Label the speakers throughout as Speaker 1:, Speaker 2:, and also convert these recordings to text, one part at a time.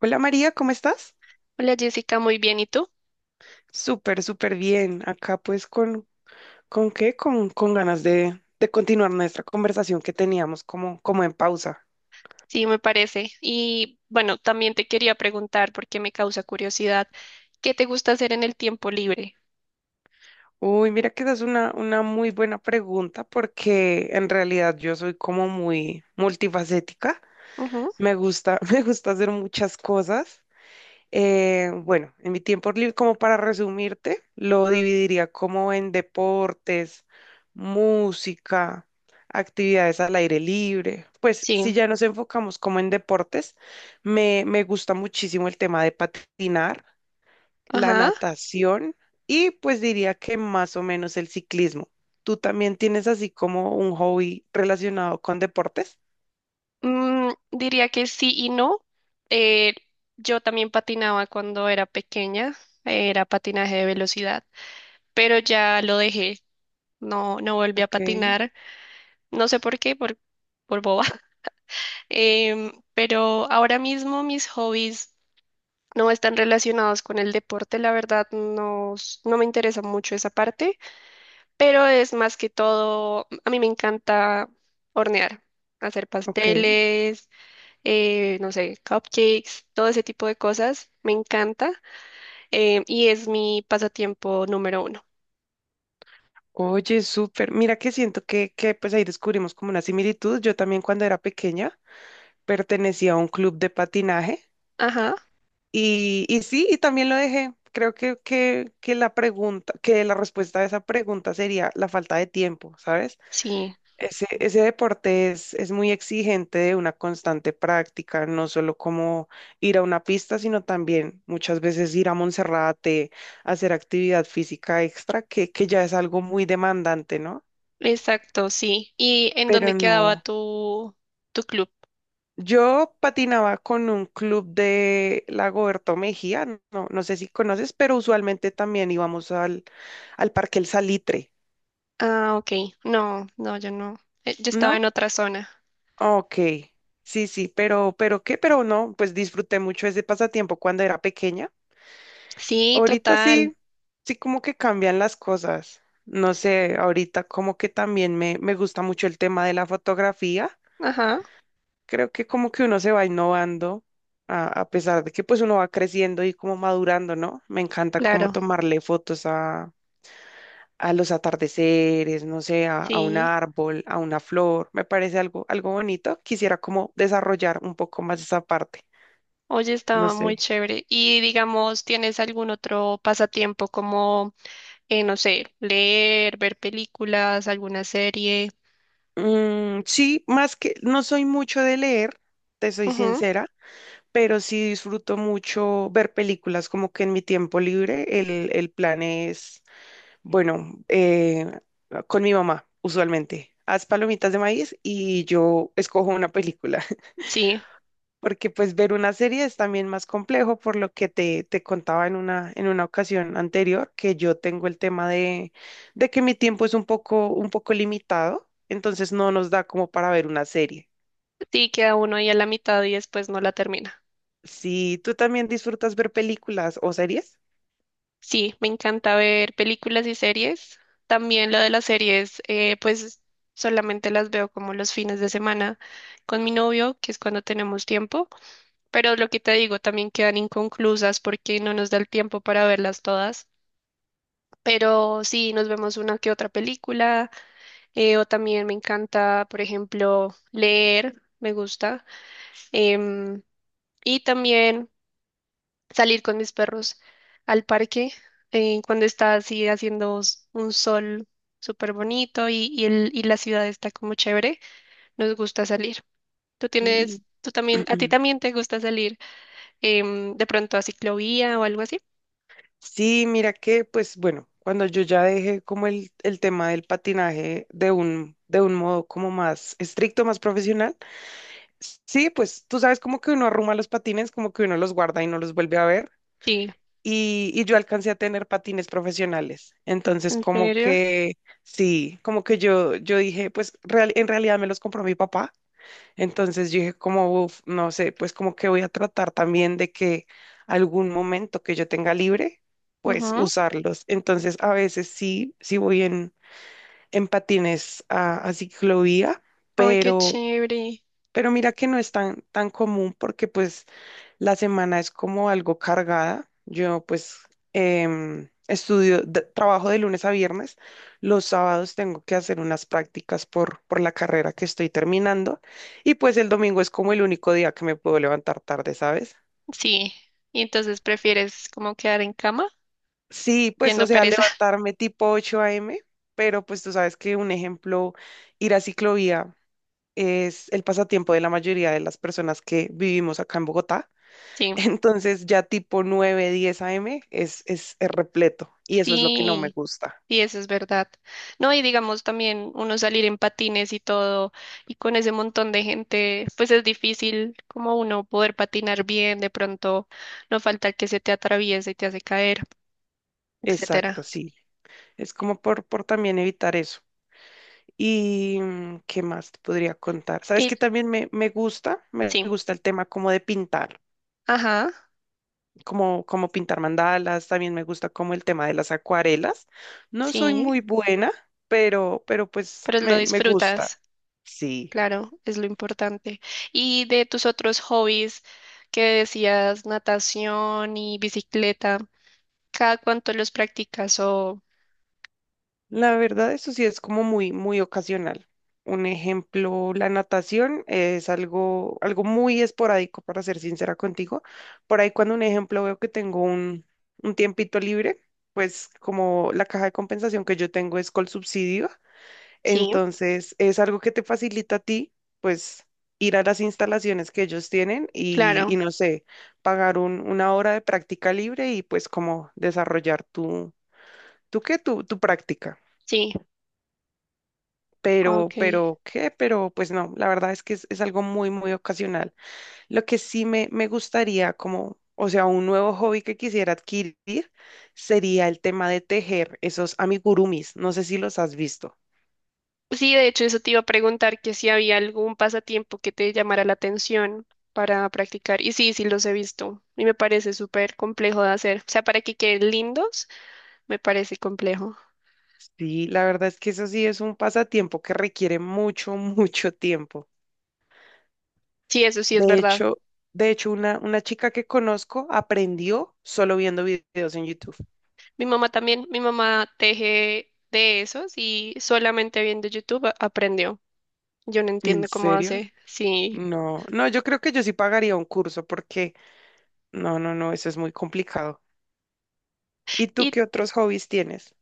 Speaker 1: Hola María, ¿cómo estás?
Speaker 2: Hola Jessica, muy bien. ¿Y tú?
Speaker 1: Súper, súper bien. Acá pues con ganas de continuar nuestra conversación que teníamos como, como en pausa.
Speaker 2: Sí, me parece. Y bueno, también te quería preguntar, porque me causa curiosidad, ¿qué te gusta hacer en el tiempo libre?
Speaker 1: Uy, mira que esa es una muy buena pregunta porque en realidad yo soy como muy multifacética.
Speaker 2: Ujú.
Speaker 1: Me gusta, me gusta hacer muchas cosas. Bueno, en mi tiempo libre, como para resumirte, lo dividiría como en deportes, música, actividades al aire libre. Pues
Speaker 2: Sí,
Speaker 1: si ya nos enfocamos como en deportes, me gusta muchísimo el tema de patinar, la
Speaker 2: ajá.
Speaker 1: natación y pues diría que más o menos el ciclismo. ¿Tú también tienes así como un hobby relacionado con deportes?
Speaker 2: Mm, diría que sí y no. Eh, yo también patinaba cuando era pequeña, era patinaje de velocidad, pero ya lo dejé, no volví a
Speaker 1: Ok,
Speaker 2: patinar, no sé por qué, por boba. Pero ahora mismo mis hobbies no están relacionados con el deporte, la verdad no, no me interesa mucho esa parte, pero es más que todo, a mí me encanta hornear, hacer
Speaker 1: ok.
Speaker 2: pasteles, no sé, cupcakes, todo ese tipo de cosas, me encanta, y es mi pasatiempo número uno.
Speaker 1: Oye, súper. Mira que siento que pues ahí descubrimos como una similitud. Yo también cuando era pequeña pertenecía a un club de patinaje
Speaker 2: Ajá,
Speaker 1: y sí, y también lo dejé. Creo que la respuesta a esa pregunta sería la falta de tiempo, ¿sabes?
Speaker 2: sí,
Speaker 1: Ese deporte es muy exigente de una constante práctica, no solo como ir a una pista, sino también muchas veces ir a Monserrate, hacer actividad física extra, que ya es algo muy demandante, ¿no?
Speaker 2: exacto, sí. ¿Y en dónde
Speaker 1: Pero
Speaker 2: quedaba
Speaker 1: no.
Speaker 2: tu club?
Speaker 1: Yo patinaba con un club de Lagoberto Mejía, no, no sé si conoces, pero usualmente también íbamos al Parque El Salitre,
Speaker 2: Ah, ok, no, no, yo no, yo estaba en
Speaker 1: ¿no?
Speaker 2: otra zona.
Speaker 1: Ok, sí, sí, pero no, pues disfruté mucho ese pasatiempo cuando era pequeña.
Speaker 2: Sí,
Speaker 1: Ahorita
Speaker 2: total,
Speaker 1: sí, sí como que cambian las cosas. No sé, ahorita como que también me gusta mucho el tema de la fotografía.
Speaker 2: ajá,
Speaker 1: Creo que como que uno se va innovando a pesar de que pues uno va creciendo y como madurando, ¿no? Me encanta como
Speaker 2: claro.
Speaker 1: tomarle fotos a los atardeceres, no sé, a un
Speaker 2: Sí,
Speaker 1: árbol, a una flor, me parece algo, algo bonito. Quisiera como desarrollar un poco más esa parte,
Speaker 2: oye,
Speaker 1: no
Speaker 2: estaba
Speaker 1: sé.
Speaker 2: muy chévere. Y digamos, ¿tienes algún otro pasatiempo como, no sé, leer, ver películas, alguna serie?
Speaker 1: Sí, más que no soy mucho de leer, te soy
Speaker 2: Ujú.
Speaker 1: sincera, pero sí disfruto mucho ver películas, como que en mi tiempo libre el plan es Bueno, eh, con mi mamá, usualmente. Haz palomitas de maíz y yo escojo una película,
Speaker 2: Sí,
Speaker 1: porque pues ver una serie es también más complejo, por lo que te contaba en una ocasión anterior, que yo tengo el tema de que mi tiempo es un poco limitado, entonces no nos da como para ver una serie.
Speaker 2: sí, queda uno ahí a la mitad y después no la termina.
Speaker 1: Si tú también disfrutas ver películas o series.
Speaker 2: Sí, me encanta ver películas y series. También lo de las series, pues solamente las veo como los fines de semana con mi novio, que es cuando tenemos tiempo. Pero lo que te digo, también quedan inconclusas porque no nos da el tiempo para verlas todas. Pero sí, nos vemos una que otra película, o también me encanta, por ejemplo, leer, me gusta, em, y también salir con mis perros al parque, cuando está así haciendo un sol súper bonito y, y la ciudad está como chévere, nos gusta salir. ¿Tú
Speaker 1: Mm.
Speaker 2: tienes, tú también, a ti también te gusta salir, de pronto a ciclovía o algo así?
Speaker 1: Sí, mira que, pues bueno, cuando yo ya dejé como el tema del patinaje de un modo como más estricto, más profesional, sí, pues tú sabes como que uno arruma los patines, como que uno los guarda y no los vuelve a ver.
Speaker 2: Sí,
Speaker 1: Y yo alcancé a tener patines profesionales. Entonces,
Speaker 2: ¿en
Speaker 1: como
Speaker 2: serio?
Speaker 1: que, sí, como que yo dije, en realidad me los compró mi papá. Entonces yo dije como, "Uf, no sé, pues como que voy a tratar también de que algún momento que yo tenga libre, pues
Speaker 2: Ujú.
Speaker 1: usarlos. Entonces a veces sí, sí voy en patines a ciclovía,
Speaker 2: Ay, qué
Speaker 1: pero,
Speaker 2: chévere.
Speaker 1: pero mira que no es tan, tan común porque pues la semana es como algo cargada. Yo pues estudio, trabajo de lunes a viernes. Los sábados tengo que hacer unas prácticas por la carrera que estoy terminando. Y pues el domingo es como el único día que me puedo levantar tarde, ¿sabes?
Speaker 2: Sí, y entonces prefieres como quedar en cama
Speaker 1: Sí, pues
Speaker 2: siendo
Speaker 1: o sea,
Speaker 2: pereza.
Speaker 1: levantarme tipo ocho a m, pero pues tú sabes que un ejemplo, ir a ciclovía es el pasatiempo de la mayoría de las personas que vivimos acá en Bogotá.
Speaker 2: Sí,
Speaker 1: Entonces ya tipo nueve diez a m es repleto y eso es lo que no me
Speaker 2: sí,
Speaker 1: gusta.
Speaker 2: sí, eso es verdad. No, y digamos también uno salir en patines y todo, y con ese montón de gente, pues es difícil como uno poder patinar bien, de pronto no falta el que se te atraviese y te hace caer,
Speaker 1: Exacto,
Speaker 2: etcétera.
Speaker 1: sí. Es como por también evitar eso. ¿Y qué más te podría contar? ¿Sabes que
Speaker 2: Y
Speaker 1: también me gusta? Me
Speaker 2: sí,
Speaker 1: gusta el tema como de pintar.
Speaker 2: ajá,
Speaker 1: Como, como pintar mandalas, también me gusta como el tema de las acuarelas. No soy
Speaker 2: sí,
Speaker 1: muy buena, pero pues
Speaker 2: pero lo
Speaker 1: me gusta.
Speaker 2: disfrutas.
Speaker 1: Sí,
Speaker 2: Claro, es lo importante. Y de tus otros hobbies que decías, natación y bicicleta, ¿cada cuánto los practicas? O
Speaker 1: la verdad eso sí es como muy, muy ocasional. Un ejemplo, la natación es algo, algo muy esporádico, para ser sincera contigo. Por ahí cuando un ejemplo veo que tengo un tiempito libre, pues como la caja de compensación que yo tengo es Colsubsidio.
Speaker 2: sí,
Speaker 1: Entonces, es algo que te facilita a ti, pues, ir a las instalaciones que ellos tienen y
Speaker 2: claro,
Speaker 1: no sé, pagar una hora de práctica libre y pues como desarrollar tu, tu práctica.
Speaker 2: sí, ok.
Speaker 1: Pues no, la verdad es que es algo muy, muy ocasional. Lo que sí me gustaría como, o sea, un nuevo hobby que quisiera adquirir sería el tema de tejer esos amigurumis. No sé si los has visto.
Speaker 2: Sí, de hecho, eso te iba a preguntar, que si había algún pasatiempo que te llamara la atención para practicar. Y sí, sí los he visto. Y me parece súper complejo de hacer. O sea, para que queden lindos, me parece complejo.
Speaker 1: Sí, la verdad es que eso sí es un pasatiempo que requiere mucho, mucho tiempo.
Speaker 2: Sí, eso sí es
Speaker 1: De
Speaker 2: verdad.
Speaker 1: hecho, de hecho, una chica que conozco aprendió solo viendo videos en YouTube.
Speaker 2: Mi mamá también, mi mamá teje de esos y solamente viendo YouTube aprendió. Yo no
Speaker 1: ¿En
Speaker 2: entiendo cómo
Speaker 1: serio?
Speaker 2: hace, sí.
Speaker 1: No, no, yo creo que yo sí pagaría un curso porque no, no, no, eso es muy complicado. ¿Y tú
Speaker 2: Y
Speaker 1: qué otros hobbies tienes?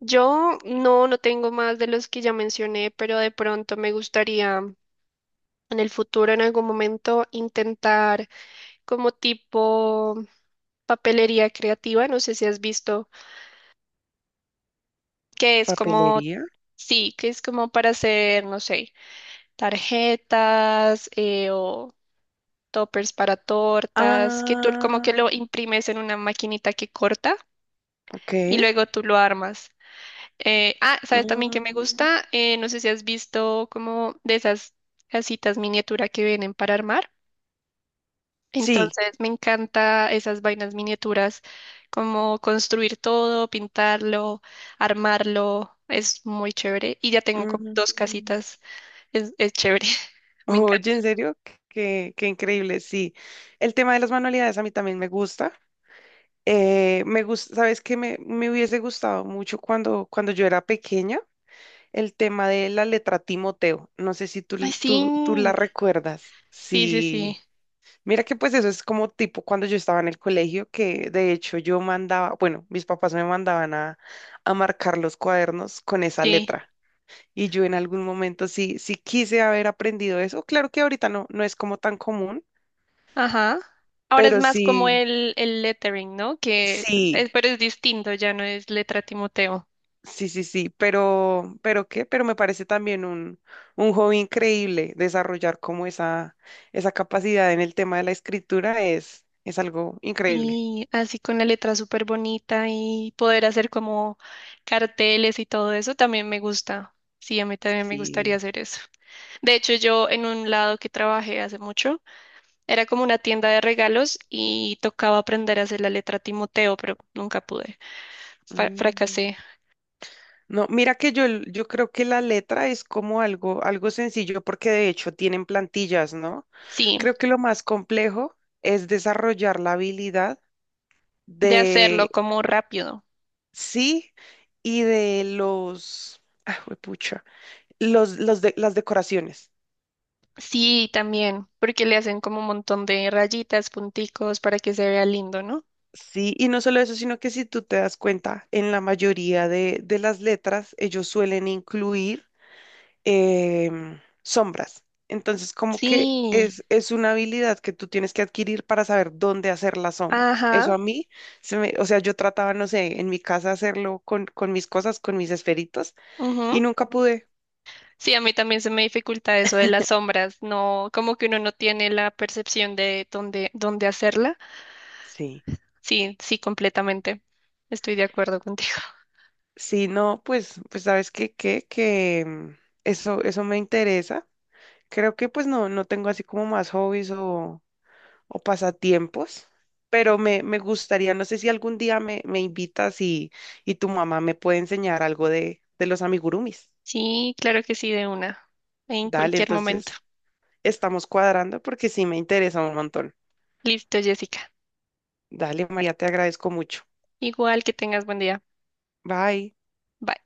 Speaker 2: yo no, no tengo más de los que ya mencioné, pero de pronto me gustaría en el futuro, en algún momento, intentar como tipo papelería creativa, no sé si has visto, que es como,
Speaker 1: ¿Papelería?
Speaker 2: sí, que es como para hacer, no sé, tarjetas, o toppers para tortas, que tú como que
Speaker 1: Ah,
Speaker 2: lo imprimes en una maquinita que corta
Speaker 1: ok.
Speaker 2: y luego tú lo armas. ¿Sabes también que me
Speaker 1: Mm,
Speaker 2: gusta? No sé si has visto como de esas casitas miniatura que vienen para armar.
Speaker 1: sí.
Speaker 2: Entonces me encanta esas vainas miniaturas, como construir todo, pintarlo, armarlo, es muy chévere. Y ya tengo como dos
Speaker 1: Mm.
Speaker 2: casitas, es chévere. Me
Speaker 1: Oye,
Speaker 2: encanta.
Speaker 1: en serio, qué, qué increíble. Sí, el tema de las manualidades a mí también me gusta. Me gusta, sabes que me hubiese gustado mucho cuando, cuando yo era pequeña, el tema de la letra Timoteo. No sé si
Speaker 2: Ay, sí,
Speaker 1: tú la recuerdas.
Speaker 2: sí, sí, sí,
Speaker 1: Sí. Mira que pues eso es como tipo cuando yo estaba en el colegio, que de hecho yo mandaba, bueno, mis papás me mandaban a marcar los cuadernos con esa
Speaker 2: sí.
Speaker 1: letra. Y yo en algún momento sí, sí quise haber aprendido eso. Claro que ahorita no, no es como tan común,
Speaker 2: Ajá. Ahora es
Speaker 1: pero
Speaker 2: más como
Speaker 1: sí,
Speaker 2: el lettering, ¿no? Que
Speaker 1: sí,
Speaker 2: es, pero es distinto, ya no es letra Timoteo.
Speaker 1: sí, sí, sí. Pero me parece también un hobby increíble desarrollar como esa capacidad en el tema de la escritura es algo increíble.
Speaker 2: Y así con la letra súper bonita y poder hacer como carteles y todo eso también me gusta. Sí, a mí también me gustaría
Speaker 1: Sí.
Speaker 2: hacer eso. De hecho, yo en un lado que trabajé hace mucho, era como una tienda de regalos y tocaba aprender a hacer la letra Timoteo, pero nunca pude.
Speaker 1: Mm.
Speaker 2: Fracasé.
Speaker 1: No, mira que yo creo que la letra es como algo, algo sencillo porque de hecho tienen plantillas, ¿no?
Speaker 2: Sí,
Speaker 1: Creo que lo más complejo es desarrollar la habilidad
Speaker 2: de
Speaker 1: de
Speaker 2: hacerlo como rápido.
Speaker 1: sí y de los, ah, juepucha, los las decoraciones.
Speaker 2: Sí, también, porque le hacen como un montón de rayitas, punticos para que se vea lindo, ¿no?
Speaker 1: Sí, y no solo eso, sino que si tú te das cuenta, en la mayoría de las letras ellos suelen incluir sombras. Entonces, como que
Speaker 2: Sí,
Speaker 1: es una habilidad que tú tienes que adquirir para saber dónde hacer la sombra. Eso
Speaker 2: ajá,
Speaker 1: a mí, se me, o sea, yo trataba, no sé, en mi casa hacerlo con mis cosas, con mis esferitos, y
Speaker 2: ujú.
Speaker 1: nunca pude.
Speaker 2: Sí, a mí también se me dificulta eso de las sombras, no, como que uno no tiene la percepción de dónde, dónde hacerla.
Speaker 1: Sí.
Speaker 2: Sí, sí, completamente. Estoy de acuerdo contigo.
Speaker 1: Sí, no, pues, pues sabes qué, qué, que eso, eso me interesa. Creo que pues no, no tengo así como más hobbies o pasatiempos, pero me gustaría, no sé si algún día me invitas y tu mamá me puede enseñar algo de los amigurumis.
Speaker 2: Sí, claro que sí, de una, en
Speaker 1: Dale,
Speaker 2: cualquier momento.
Speaker 1: entonces estamos cuadrando porque sí me interesa un montón.
Speaker 2: Listo, Jessica.
Speaker 1: Dale, María, te agradezco mucho.
Speaker 2: Igual que tengas buen día.
Speaker 1: Bye.
Speaker 2: Bye.